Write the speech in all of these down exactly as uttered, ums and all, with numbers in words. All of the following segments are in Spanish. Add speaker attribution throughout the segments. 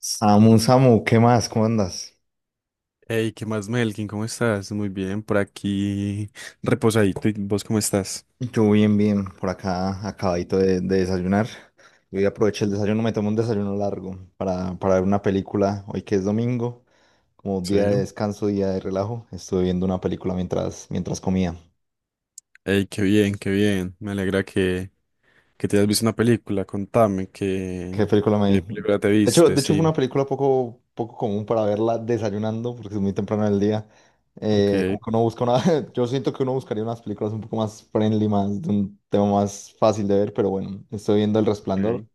Speaker 1: Samu, Samu, ¿qué más? ¿Cómo andas?
Speaker 2: Hey, ¿qué más, Melkin? ¿Cómo estás? Muy bien, por aquí reposadito. ¿Y vos cómo estás?
Speaker 1: Yo bien, bien, por acá, acabadito de, de desayunar. Yo ya aproveché el desayuno, me tomé un desayuno largo para, para ver una película. Hoy que es domingo, como
Speaker 2: Sí.
Speaker 1: día de descanso, día de relajo, estuve viendo una película mientras, mientras comía.
Speaker 2: Hey, qué bien, qué bien. Me alegra que, que te hayas visto una película. Contame,
Speaker 1: ¿Qué
Speaker 2: ¿qué,
Speaker 1: película me
Speaker 2: ¿qué
Speaker 1: vi?
Speaker 2: película te
Speaker 1: De hecho,
Speaker 2: viste?
Speaker 1: de hecho fue una
Speaker 2: Sí.
Speaker 1: película poco, poco común para verla desayunando, porque es muy temprano del día. Eh,
Speaker 2: Ok.
Speaker 1: como que uno busca una, yo siento que uno buscaría unas películas un poco más friendly, más de un tema más fácil de ver, pero bueno, estoy viendo El Resplandor,
Speaker 2: Ok.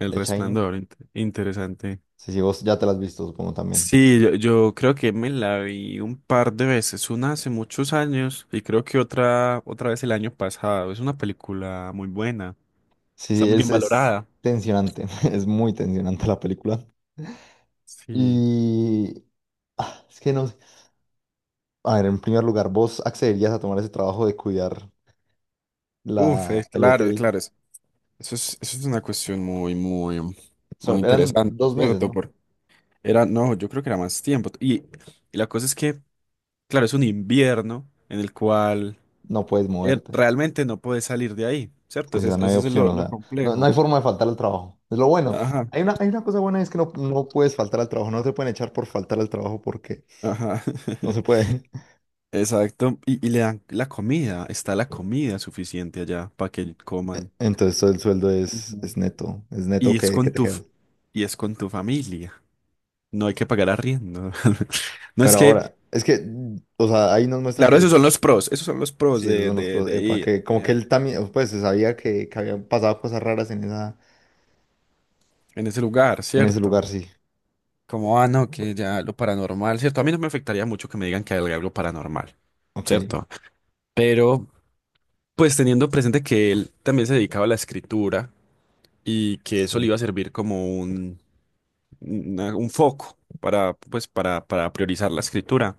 Speaker 2: El
Speaker 1: de Shining.
Speaker 2: Resplandor, int- interesante.
Speaker 1: Sí, sí, vos ya te la has visto, supongo también.
Speaker 2: Sí, yo, yo creo que me la vi un par de veces, una hace muchos años y creo que otra, otra vez el año pasado. Es una película muy buena,
Speaker 1: Sí,
Speaker 2: está
Speaker 1: sí,
Speaker 2: muy bien
Speaker 1: es, es
Speaker 2: valorada.
Speaker 1: tensionante, es muy tensionante la película.
Speaker 2: Sí.
Speaker 1: Y ah, es que no sé. A ver, en primer lugar, ¿vos accederías a tomar ese trabajo de cuidar
Speaker 2: Uf,
Speaker 1: la,
Speaker 2: es
Speaker 1: el
Speaker 2: claro, es
Speaker 1: hotel?
Speaker 2: claro. Eso es, eso es una cuestión muy, muy, muy
Speaker 1: Son- eran
Speaker 2: interesante,
Speaker 1: dos meses,
Speaker 2: ¿cierto?
Speaker 1: ¿no?
Speaker 2: Porque era, no, yo creo que era más tiempo. Y, y la cosa es que, claro, es un invierno en el cual
Speaker 1: No puedes
Speaker 2: eh,
Speaker 1: moverte.
Speaker 2: realmente no puedes salir de ahí, ¿cierto?
Speaker 1: Sí, o
Speaker 2: Ese,
Speaker 1: sea,
Speaker 2: es-
Speaker 1: no hay
Speaker 2: ese es
Speaker 1: opción,
Speaker 2: lo,
Speaker 1: o
Speaker 2: lo
Speaker 1: sea, no, no
Speaker 2: complejo.
Speaker 1: hay forma de faltar al trabajo. Es lo bueno.
Speaker 2: Ajá,
Speaker 1: Hay una, hay una cosa buena, es que no, no puedes faltar al trabajo, no te pueden echar por faltar al trabajo porque
Speaker 2: ajá.
Speaker 1: no se puede.
Speaker 2: Exacto. Y, y le dan la comida, está la comida suficiente allá para que coman.
Speaker 1: Entonces todo el sueldo es, es
Speaker 2: Ujú.
Speaker 1: neto, es
Speaker 2: Y
Speaker 1: neto
Speaker 2: es
Speaker 1: que, que
Speaker 2: con
Speaker 1: te
Speaker 2: tu,
Speaker 1: queda.
Speaker 2: f- y es con tu familia. No hay que pagar arriendo. No es
Speaker 1: Pero
Speaker 2: que
Speaker 1: ahora, es que, mm, o sea, ahí nos muestran
Speaker 2: claro,
Speaker 1: que
Speaker 2: esos son los pros, esos son los pros
Speaker 1: sí, esos
Speaker 2: de,
Speaker 1: son los
Speaker 2: de,
Speaker 1: pro-
Speaker 2: de
Speaker 1: epa,
Speaker 2: ir
Speaker 1: que como que
Speaker 2: eh,
Speaker 1: él también, oh, pues se sabía que, que habían pasado cosas raras en esa,
Speaker 2: en ese lugar,
Speaker 1: en ese
Speaker 2: ¿cierto?
Speaker 1: lugar, sí.
Speaker 2: Como, ah, no, que ya lo paranormal, ¿cierto? A mí no me afectaría mucho que me digan que hay algo paranormal,
Speaker 1: Ok,
Speaker 2: ¿cierto? Pero, pues teniendo presente que él también se dedicaba a la escritura y que eso le iba
Speaker 1: sí.
Speaker 2: a servir como un, una- un foco para, pues, para, para priorizar la escritura,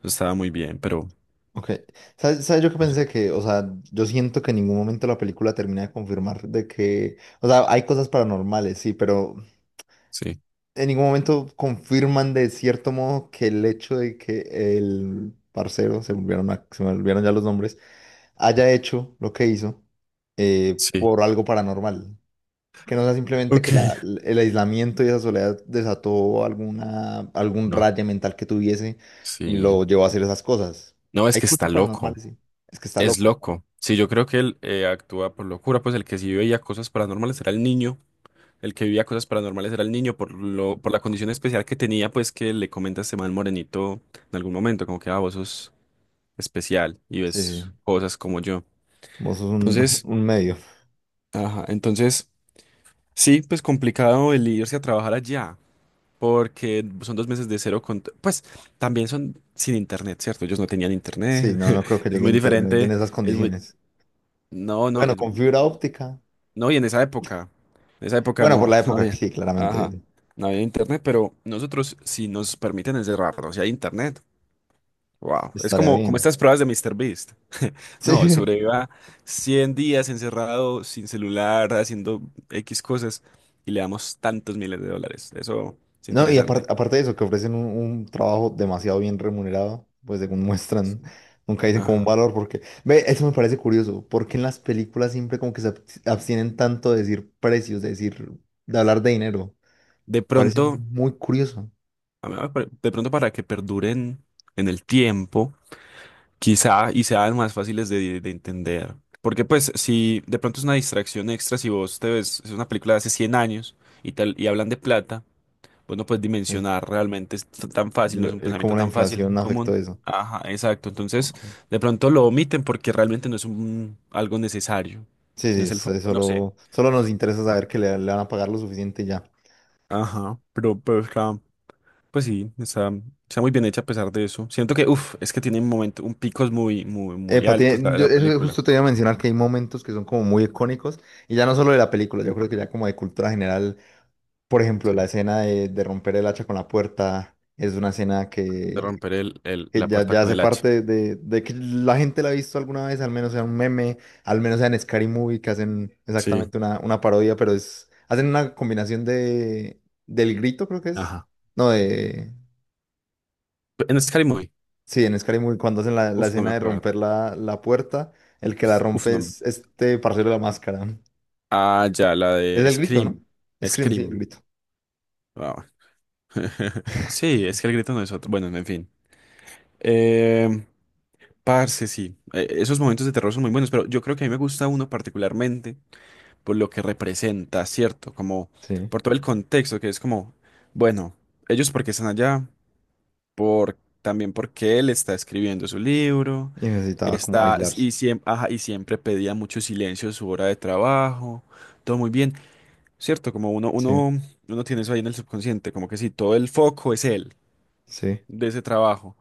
Speaker 2: eso estaba muy bien, pero
Speaker 1: Ok. ¿Sabes, sabes yo que
Speaker 2: no sé.
Speaker 1: pensé que, o sea, yo siento que en ningún momento la película termina de confirmar de que, o sea, hay cosas paranormales, sí, pero
Speaker 2: Sí,
Speaker 1: en ningún momento confirman de cierto modo que el hecho de que el parcero, se volvieron, a- se me olvidaron ya los nombres, haya hecho lo que hizo eh,
Speaker 2: sí.
Speaker 1: por algo paranormal. Que no sea simplemente
Speaker 2: Ok.
Speaker 1: que la- el aislamiento y esa soledad desató alguna, algún
Speaker 2: No,
Speaker 1: raye mental que tuviese y
Speaker 2: sí.
Speaker 1: lo llevó a hacer esas cosas.
Speaker 2: No, es
Speaker 1: Hay
Speaker 2: que está
Speaker 1: cultos
Speaker 2: loco.
Speaker 1: paranormales, sí. Es que está
Speaker 2: Es
Speaker 1: loco.
Speaker 2: loco. Sí, yo creo que él eh, actúa por locura, pues el que sí veía cosas paranormales era el niño, el que vivía cosas paranormales era el niño por lo, por la condición especial que tenía, pues que le comenta este man morenito en algún momento, como que ah, vos sos especial y
Speaker 1: Sí, sí.
Speaker 2: ves cosas como yo.
Speaker 1: Vos sos un,
Speaker 2: Entonces,
Speaker 1: un medio.
Speaker 2: ajá, entonces sí, pues complicado el irse a trabajar allá, porque son dos meses de cero con, pues también son sin internet, ¿cierto? Ellos no tenían
Speaker 1: Sí,
Speaker 2: internet.
Speaker 1: no, no creo que
Speaker 2: Es
Speaker 1: llegue
Speaker 2: muy
Speaker 1: internet en
Speaker 2: diferente,
Speaker 1: esas
Speaker 2: es muy,
Speaker 1: condiciones.
Speaker 2: no, no.
Speaker 1: Bueno, con fibra óptica.
Speaker 2: No, y en esa época, en esa época
Speaker 1: Bueno, por
Speaker 2: no,
Speaker 1: la
Speaker 2: no
Speaker 1: época,
Speaker 2: había,
Speaker 1: sí, claramente
Speaker 2: ajá, no había internet, pero nosotros si nos permiten encerrarnos y hay internet, wow, es
Speaker 1: estaría
Speaker 2: como, como
Speaker 1: bien.
Speaker 2: estas pruebas de Mister Beast. No,
Speaker 1: Sí.
Speaker 2: sobreviva cien días encerrado sin celular, haciendo X cosas y le damos tantos miles de dólares. Eso es
Speaker 1: No, y apar-
Speaker 2: interesante.
Speaker 1: aparte de eso, que ofrecen un, un trabajo demasiado bien remunerado, pues según muestran,
Speaker 2: Sí.
Speaker 1: nunca dicen como un
Speaker 2: Ajá.
Speaker 1: valor, porque, ve, eso me parece curioso, porque en las películas siempre como que se ab- abstienen tanto de decir precios, de decir, de hablar de dinero.
Speaker 2: De
Speaker 1: Parece
Speaker 2: pronto,
Speaker 1: muy curioso,
Speaker 2: a mí me pare- de pronto para que perduren en el tiempo, quizá y sean más fáciles de, de entender. Porque pues si de pronto es una distracción extra, si vos te ves, es una película de hace cien años y tal, y hablan de plata, vos no puedes
Speaker 1: sí,
Speaker 2: dimensionar realmente es t- tan fácil, no
Speaker 1: lo-
Speaker 2: es un
Speaker 1: el
Speaker 2: pensamiento
Speaker 1: cómo la
Speaker 2: tan fácil,
Speaker 1: inflación afectó
Speaker 2: común.
Speaker 1: eso.
Speaker 2: Ajá, exacto. Entonces,
Speaker 1: Ok.
Speaker 2: de pronto lo omiten porque realmente no es un, algo necesario.
Speaker 1: Sí,
Speaker 2: No
Speaker 1: sí,
Speaker 2: es el
Speaker 1: eso- eso
Speaker 2: foco, no sé.
Speaker 1: solo, solo nos interesa saber que le, le van a pagar lo suficiente y ya.
Speaker 2: Ajá, pero, pero está- pues sí, está, está muy bien hecha a pesar de eso. Siento que, uff, es que tiene un momento, un picos muy, muy, muy
Speaker 1: Epa,
Speaker 2: altos
Speaker 1: tiene-
Speaker 2: la,
Speaker 1: yo
Speaker 2: la
Speaker 1: eso
Speaker 2: película.
Speaker 1: justo te iba a mencionar que hay momentos que son como muy icónicos, y ya no solo de la película, yo creo que ya como de cultura general. Por ejemplo, la
Speaker 2: Sí.
Speaker 1: escena de, de romper el hacha con la puerta es una escena
Speaker 2: De
Speaker 1: que,
Speaker 2: romper el, el-
Speaker 1: que
Speaker 2: la
Speaker 1: ya,
Speaker 2: puerta
Speaker 1: ya
Speaker 2: con
Speaker 1: hace
Speaker 2: el hacha.
Speaker 1: parte de, de que la gente la ha visto alguna vez, al menos sea un meme, al menos sea en Scary Movie, que hacen
Speaker 2: Sí,
Speaker 1: exactamente una, una parodia, pero es, hacen una combinación de, del grito, creo que es.
Speaker 2: ajá.
Speaker 1: No, de...
Speaker 2: En Scary Movie.
Speaker 1: Sí, en Scary Movie, cuando hacen la, la
Speaker 2: Uf, no me
Speaker 1: escena de romper
Speaker 2: acuerdo.
Speaker 1: la, la puerta, el que la
Speaker 2: Uf,
Speaker 1: rompe
Speaker 2: no me…
Speaker 1: es este parcero de la máscara.
Speaker 2: Ah, ya, la
Speaker 1: Es
Speaker 2: de
Speaker 1: el grito, ¿no?
Speaker 2: Scream.
Speaker 1: Scream, sí, el
Speaker 2: Scream.
Speaker 1: grito.
Speaker 2: Wow. Sí, es que el grito no es otro. Bueno, en fin. Eh, parce, sí. Eh, esos momentos de terror son muy buenos, pero yo creo que a mí me gusta uno particularmente por lo que representa, ¿cierto? Como
Speaker 1: Sí.
Speaker 2: por todo el contexto, que es como, bueno, ellos porque están allá. Por, también porque él está escribiendo su libro,
Speaker 1: Y necesitaba como
Speaker 2: está, y,
Speaker 1: aislarse.
Speaker 2: siem- ajá, y siempre pedía mucho silencio en su hora de trabajo, todo muy bien, ¿cierto? Como uno,
Speaker 1: Sí,
Speaker 2: uno, uno tiene eso ahí en el subconsciente, como que sí, todo el foco es él,
Speaker 1: sí.
Speaker 2: de ese trabajo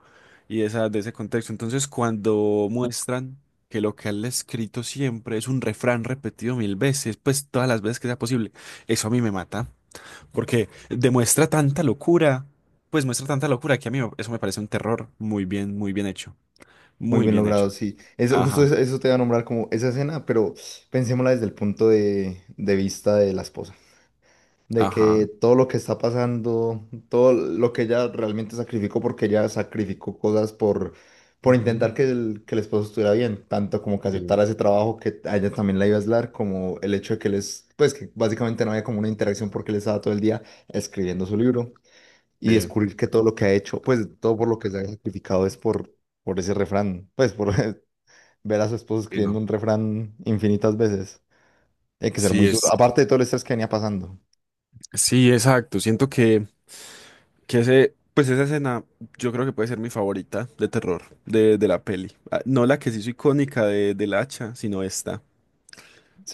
Speaker 2: y de, esa, de ese contexto. Entonces, cuando muestran que lo que él ha escrito siempre es un refrán repetido mil veces, pues todas las veces que sea posible, eso a mí me mata. Porque demuestra tanta locura, pues muestra tanta locura que a mí me- eso me parece un terror muy bien, muy bien hecho,
Speaker 1: Muy
Speaker 2: muy
Speaker 1: bien
Speaker 2: bien
Speaker 1: logrado,
Speaker 2: hecho.
Speaker 1: sí. Eso, justo
Speaker 2: Ajá,
Speaker 1: eso, eso te iba a nombrar como esa escena, pero pensémosla desde el punto de, de vista de la esposa. De que
Speaker 2: ajá.
Speaker 1: todo lo que está pasando, todo lo que ella realmente sacrificó, porque ella sacrificó cosas por, por
Speaker 2: Ujú.
Speaker 1: intentar que el, que el esposo estuviera bien, tanto como que
Speaker 2: Sí,
Speaker 1: aceptara ese trabajo que a ella también la iba a aislar, como el hecho de que les, pues que básicamente no había como una interacción porque él estaba todo el día escribiendo su libro y
Speaker 2: sí,
Speaker 1: descubrir que todo lo que ha hecho, pues todo por lo que se ha sacrificado es por por ese refrán, pues por ver a su esposo
Speaker 2: sí,
Speaker 1: escribiendo
Speaker 2: no.
Speaker 1: un refrán infinitas veces. Hay que ser
Speaker 2: Sí,
Speaker 1: muy duro.
Speaker 2: es,
Speaker 1: Aparte de todo el estrés que venía pasando.
Speaker 2: sí, exacto. Siento que, que ese, pues esa escena yo creo que puede ser mi favorita de terror de, de la peli. Ah, no la que se hizo icónica de, del hacha, sino esta.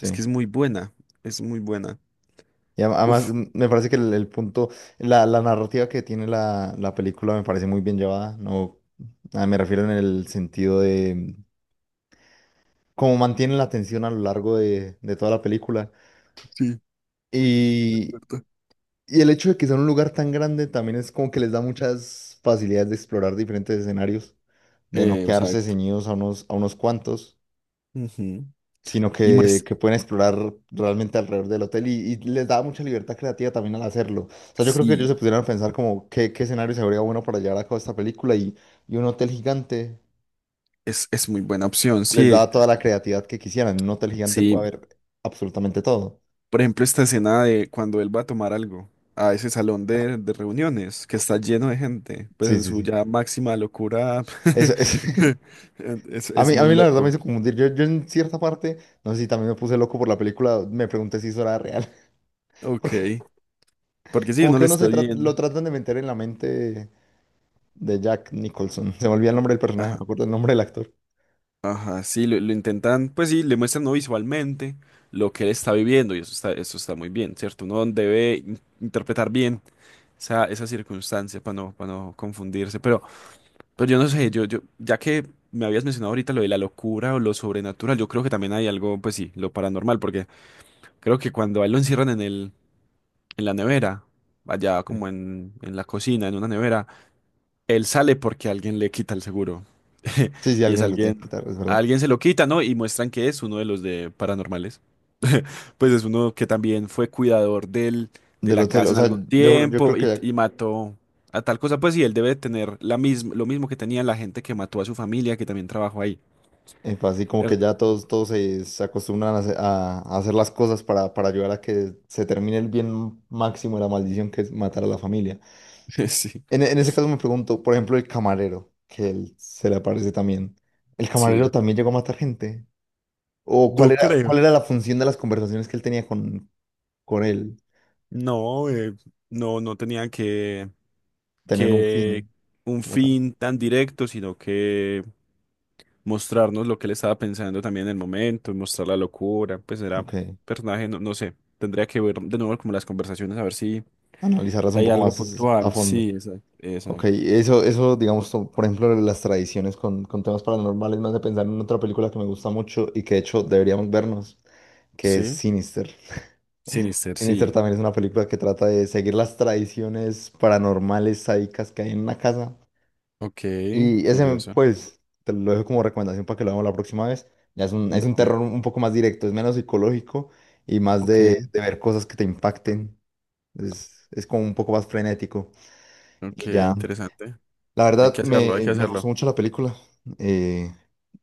Speaker 2: Es que es muy buena, es muy buena.
Speaker 1: Y a- además
Speaker 2: Uf,
Speaker 1: mm, me parece que el, el punto, la, la narrativa que tiene la, la película me parece muy bien llevada. No, ah, me refiero en el sentido de mm, cómo mantiene la atención a lo largo de, de toda la película.
Speaker 2: sí,
Speaker 1: Y,
Speaker 2: ¿verdad?
Speaker 1: y el hecho de que sea un lugar tan grande también es como que les da muchas facilidades de explorar diferentes escenarios, de no
Speaker 2: Eh,
Speaker 1: quedarse
Speaker 2: exacto.
Speaker 1: ceñidos a unos, a unos cuantos.
Speaker 2: Ujú.
Speaker 1: Sino
Speaker 2: Y
Speaker 1: que,
Speaker 2: muestra,
Speaker 1: que pueden explorar realmente alrededor del hotel y, y les da mucha libertad creativa también al hacerlo. O sea, yo creo que ellos se
Speaker 2: sí.
Speaker 1: pudieran pensar como qué, qué escenario se vería bueno para llevar a cabo esta película y, y un hotel gigante
Speaker 2: Es, es muy buena opción,
Speaker 1: les
Speaker 2: sí,
Speaker 1: da toda la creatividad que quisieran. En un hotel gigante puede
Speaker 2: sí.
Speaker 1: haber absolutamente todo.
Speaker 2: Por ejemplo, esta escena de cuando él va a tomar algo a ese salón de, de reuniones que está lleno de gente, pues
Speaker 1: Sí,
Speaker 2: en
Speaker 1: sí,
Speaker 2: su
Speaker 1: sí.
Speaker 2: ya máxima locura,
Speaker 1: Eso, es-
Speaker 2: es,
Speaker 1: A
Speaker 2: es
Speaker 1: mí, a
Speaker 2: muy
Speaker 1: mí la verdad me hizo
Speaker 2: loco.
Speaker 1: confundir. Yo, yo en cierta parte, no sé si también me puse loco por la película, me pregunté si eso era real.
Speaker 2: Ok,
Speaker 1: Porque
Speaker 2: porque sí,
Speaker 1: como
Speaker 2: uno
Speaker 1: que
Speaker 2: lo
Speaker 1: uno
Speaker 2: está
Speaker 1: se tra-
Speaker 2: viendo.
Speaker 1: lo tratan de meter en la mente de Jack Nicholson. Se me olvida el nombre del personaje, me
Speaker 2: Ajá,
Speaker 1: acuerdo el nombre del actor.
Speaker 2: ajá, sí, lo, lo intentan, pues sí, le muestran no visualmente lo que él está viviendo y eso está, eso está muy bien, ¿cierto? Uno debe in- interpretar bien esa, esa circunstancia para no, para no confundirse, pero… Pero yo no sé, yo, yo, ya que me habías mencionado ahorita lo de la locura o lo sobrenatural, yo creo que también hay algo, pues sí, lo paranormal, porque creo que cuando a él lo encierran en el, en la nevera, allá
Speaker 1: Sí,
Speaker 2: como en, en la cocina, en una nevera, él sale porque alguien le quita el seguro.
Speaker 1: sí, sí,
Speaker 2: Y es
Speaker 1: alguien se lo tiene
Speaker 2: alguien,
Speaker 1: que quitar, es
Speaker 2: a
Speaker 1: verdad.
Speaker 2: alguien se lo quita, ¿no? Y muestran que es uno de los de paranormales, pues es uno que también fue cuidador del, de
Speaker 1: Del
Speaker 2: la
Speaker 1: hotel,
Speaker 2: casa
Speaker 1: o
Speaker 2: en
Speaker 1: sea,
Speaker 2: algún
Speaker 1: yo, yo
Speaker 2: tiempo
Speaker 1: creo que
Speaker 2: y,
Speaker 1: ya,
Speaker 2: y mató a tal cosa, pues sí, él debe tener la misma, lo mismo que tenía la gente que mató a su familia, que también trabajó ahí,
Speaker 1: eh, pues, así como que
Speaker 2: ¿cierto?
Speaker 1: ya todos, todos se, se acostumbran a, hacer a- a hacer las cosas para, para ayudar a que se termine el bien máximo de la maldición que es matar a la familia.
Speaker 2: Sí,
Speaker 1: En, en ese caso me pregunto, por ejemplo, el camarero, que él se le aparece también. ¿El camarero
Speaker 2: sí.
Speaker 1: también llegó a matar gente? ¿O cuál
Speaker 2: No
Speaker 1: era,
Speaker 2: creo.
Speaker 1: cuál era la función de las conversaciones que él tenía con, con él?
Speaker 2: No, eh, no, no tenían que,
Speaker 1: Tener un
Speaker 2: que
Speaker 1: fin
Speaker 2: un
Speaker 1: como tal.
Speaker 2: fin tan directo, sino que mostrarnos lo que él estaba pensando también en el momento, mostrar la locura, pues era
Speaker 1: Ok,
Speaker 2: personaje, no, no sé, tendría que ver de nuevo como las conversaciones, a ver si…
Speaker 1: analizarlas un
Speaker 2: Hay
Speaker 1: poco
Speaker 2: algo
Speaker 1: más a
Speaker 2: puntual,
Speaker 1: fondo.
Speaker 2: sí, exacto,
Speaker 1: Ok,
Speaker 2: exacto.
Speaker 1: eso, eso, digamos, to- por ejemplo, las tradiciones con, con temas paranormales me hace pensar en otra película que me gusta mucho y que de hecho deberíamos vernos, que es
Speaker 2: Sí,
Speaker 1: Sinister.
Speaker 2: Sinister,
Speaker 1: Sinister
Speaker 2: sí.
Speaker 1: también es una película que trata de seguir las tradiciones paranormales sádicas que hay en una casa.
Speaker 2: Ok,
Speaker 1: Y ese,
Speaker 2: curioso.
Speaker 1: pues, te lo dejo como recomendación para que lo veamos la próxima vez. Ya es un, es un
Speaker 2: Dale.
Speaker 1: terror un poco más directo, es menos psicológico y más de,
Speaker 2: Ok.
Speaker 1: de ver cosas que te impacten. Es, es como un poco más frenético.
Speaker 2: Ok,
Speaker 1: Y ya.
Speaker 2: interesante.
Speaker 1: La
Speaker 2: Hay
Speaker 1: verdad,
Speaker 2: que hacerlo, hay
Speaker 1: me,
Speaker 2: que
Speaker 1: me gustó
Speaker 2: hacerlo.
Speaker 1: mucho la película. Eh,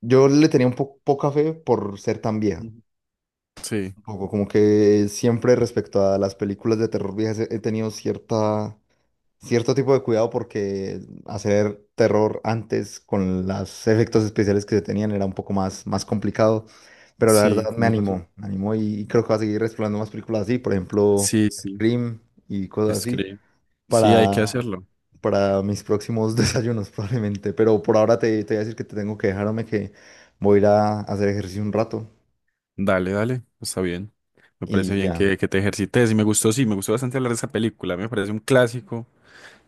Speaker 1: yo le tenía un po- poca fe por ser tan vieja.
Speaker 2: Ujú. Sí,
Speaker 1: Un poco como que siempre respecto a las películas de terror viejas he he tenido cierta, cierto tipo de cuidado porque hacer terror antes con los efectos especiales que se tenían era un poco más, más complicado. Pero la
Speaker 2: sí,
Speaker 1: verdad me
Speaker 2: tienes razón.
Speaker 1: animó, me animó y creo que va a seguir explorando más películas así, por ejemplo,
Speaker 2: Sí, sí,
Speaker 1: Scream y cosas así
Speaker 2: escribe. Sí, hay
Speaker 1: para,
Speaker 2: que hacerlo.
Speaker 1: para mis próximos desayunos probablemente. Pero por ahora te, te voy a decir que te tengo que dejarme que voy a ir a hacer ejercicio un rato
Speaker 2: Dale, dale, está bien. Me parece
Speaker 1: y
Speaker 2: bien
Speaker 1: ya.
Speaker 2: que, que te ejercites y me gustó, sí, me gustó bastante hablar de esa película. Me parece un clásico.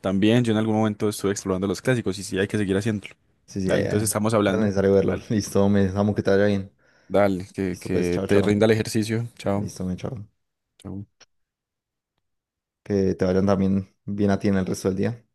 Speaker 2: También yo en algún momento estuve explorando los clásicos y sí, hay que seguir haciéndolo.
Speaker 1: Sí, sí, ya,
Speaker 2: Dale, entonces
Speaker 1: ya.
Speaker 2: estamos
Speaker 1: Era
Speaker 2: hablando.
Speaker 1: necesario verlo.
Speaker 2: Dale.
Speaker 1: Listo, me amo que te vaya bien.
Speaker 2: Dale, que,
Speaker 1: Listo, pues,
Speaker 2: que
Speaker 1: chao,
Speaker 2: te
Speaker 1: chao.
Speaker 2: rinda el ejercicio. Chao.
Speaker 1: Listo, me chao.
Speaker 2: Chao.
Speaker 1: Que te vayan también bien a ti en el resto del día.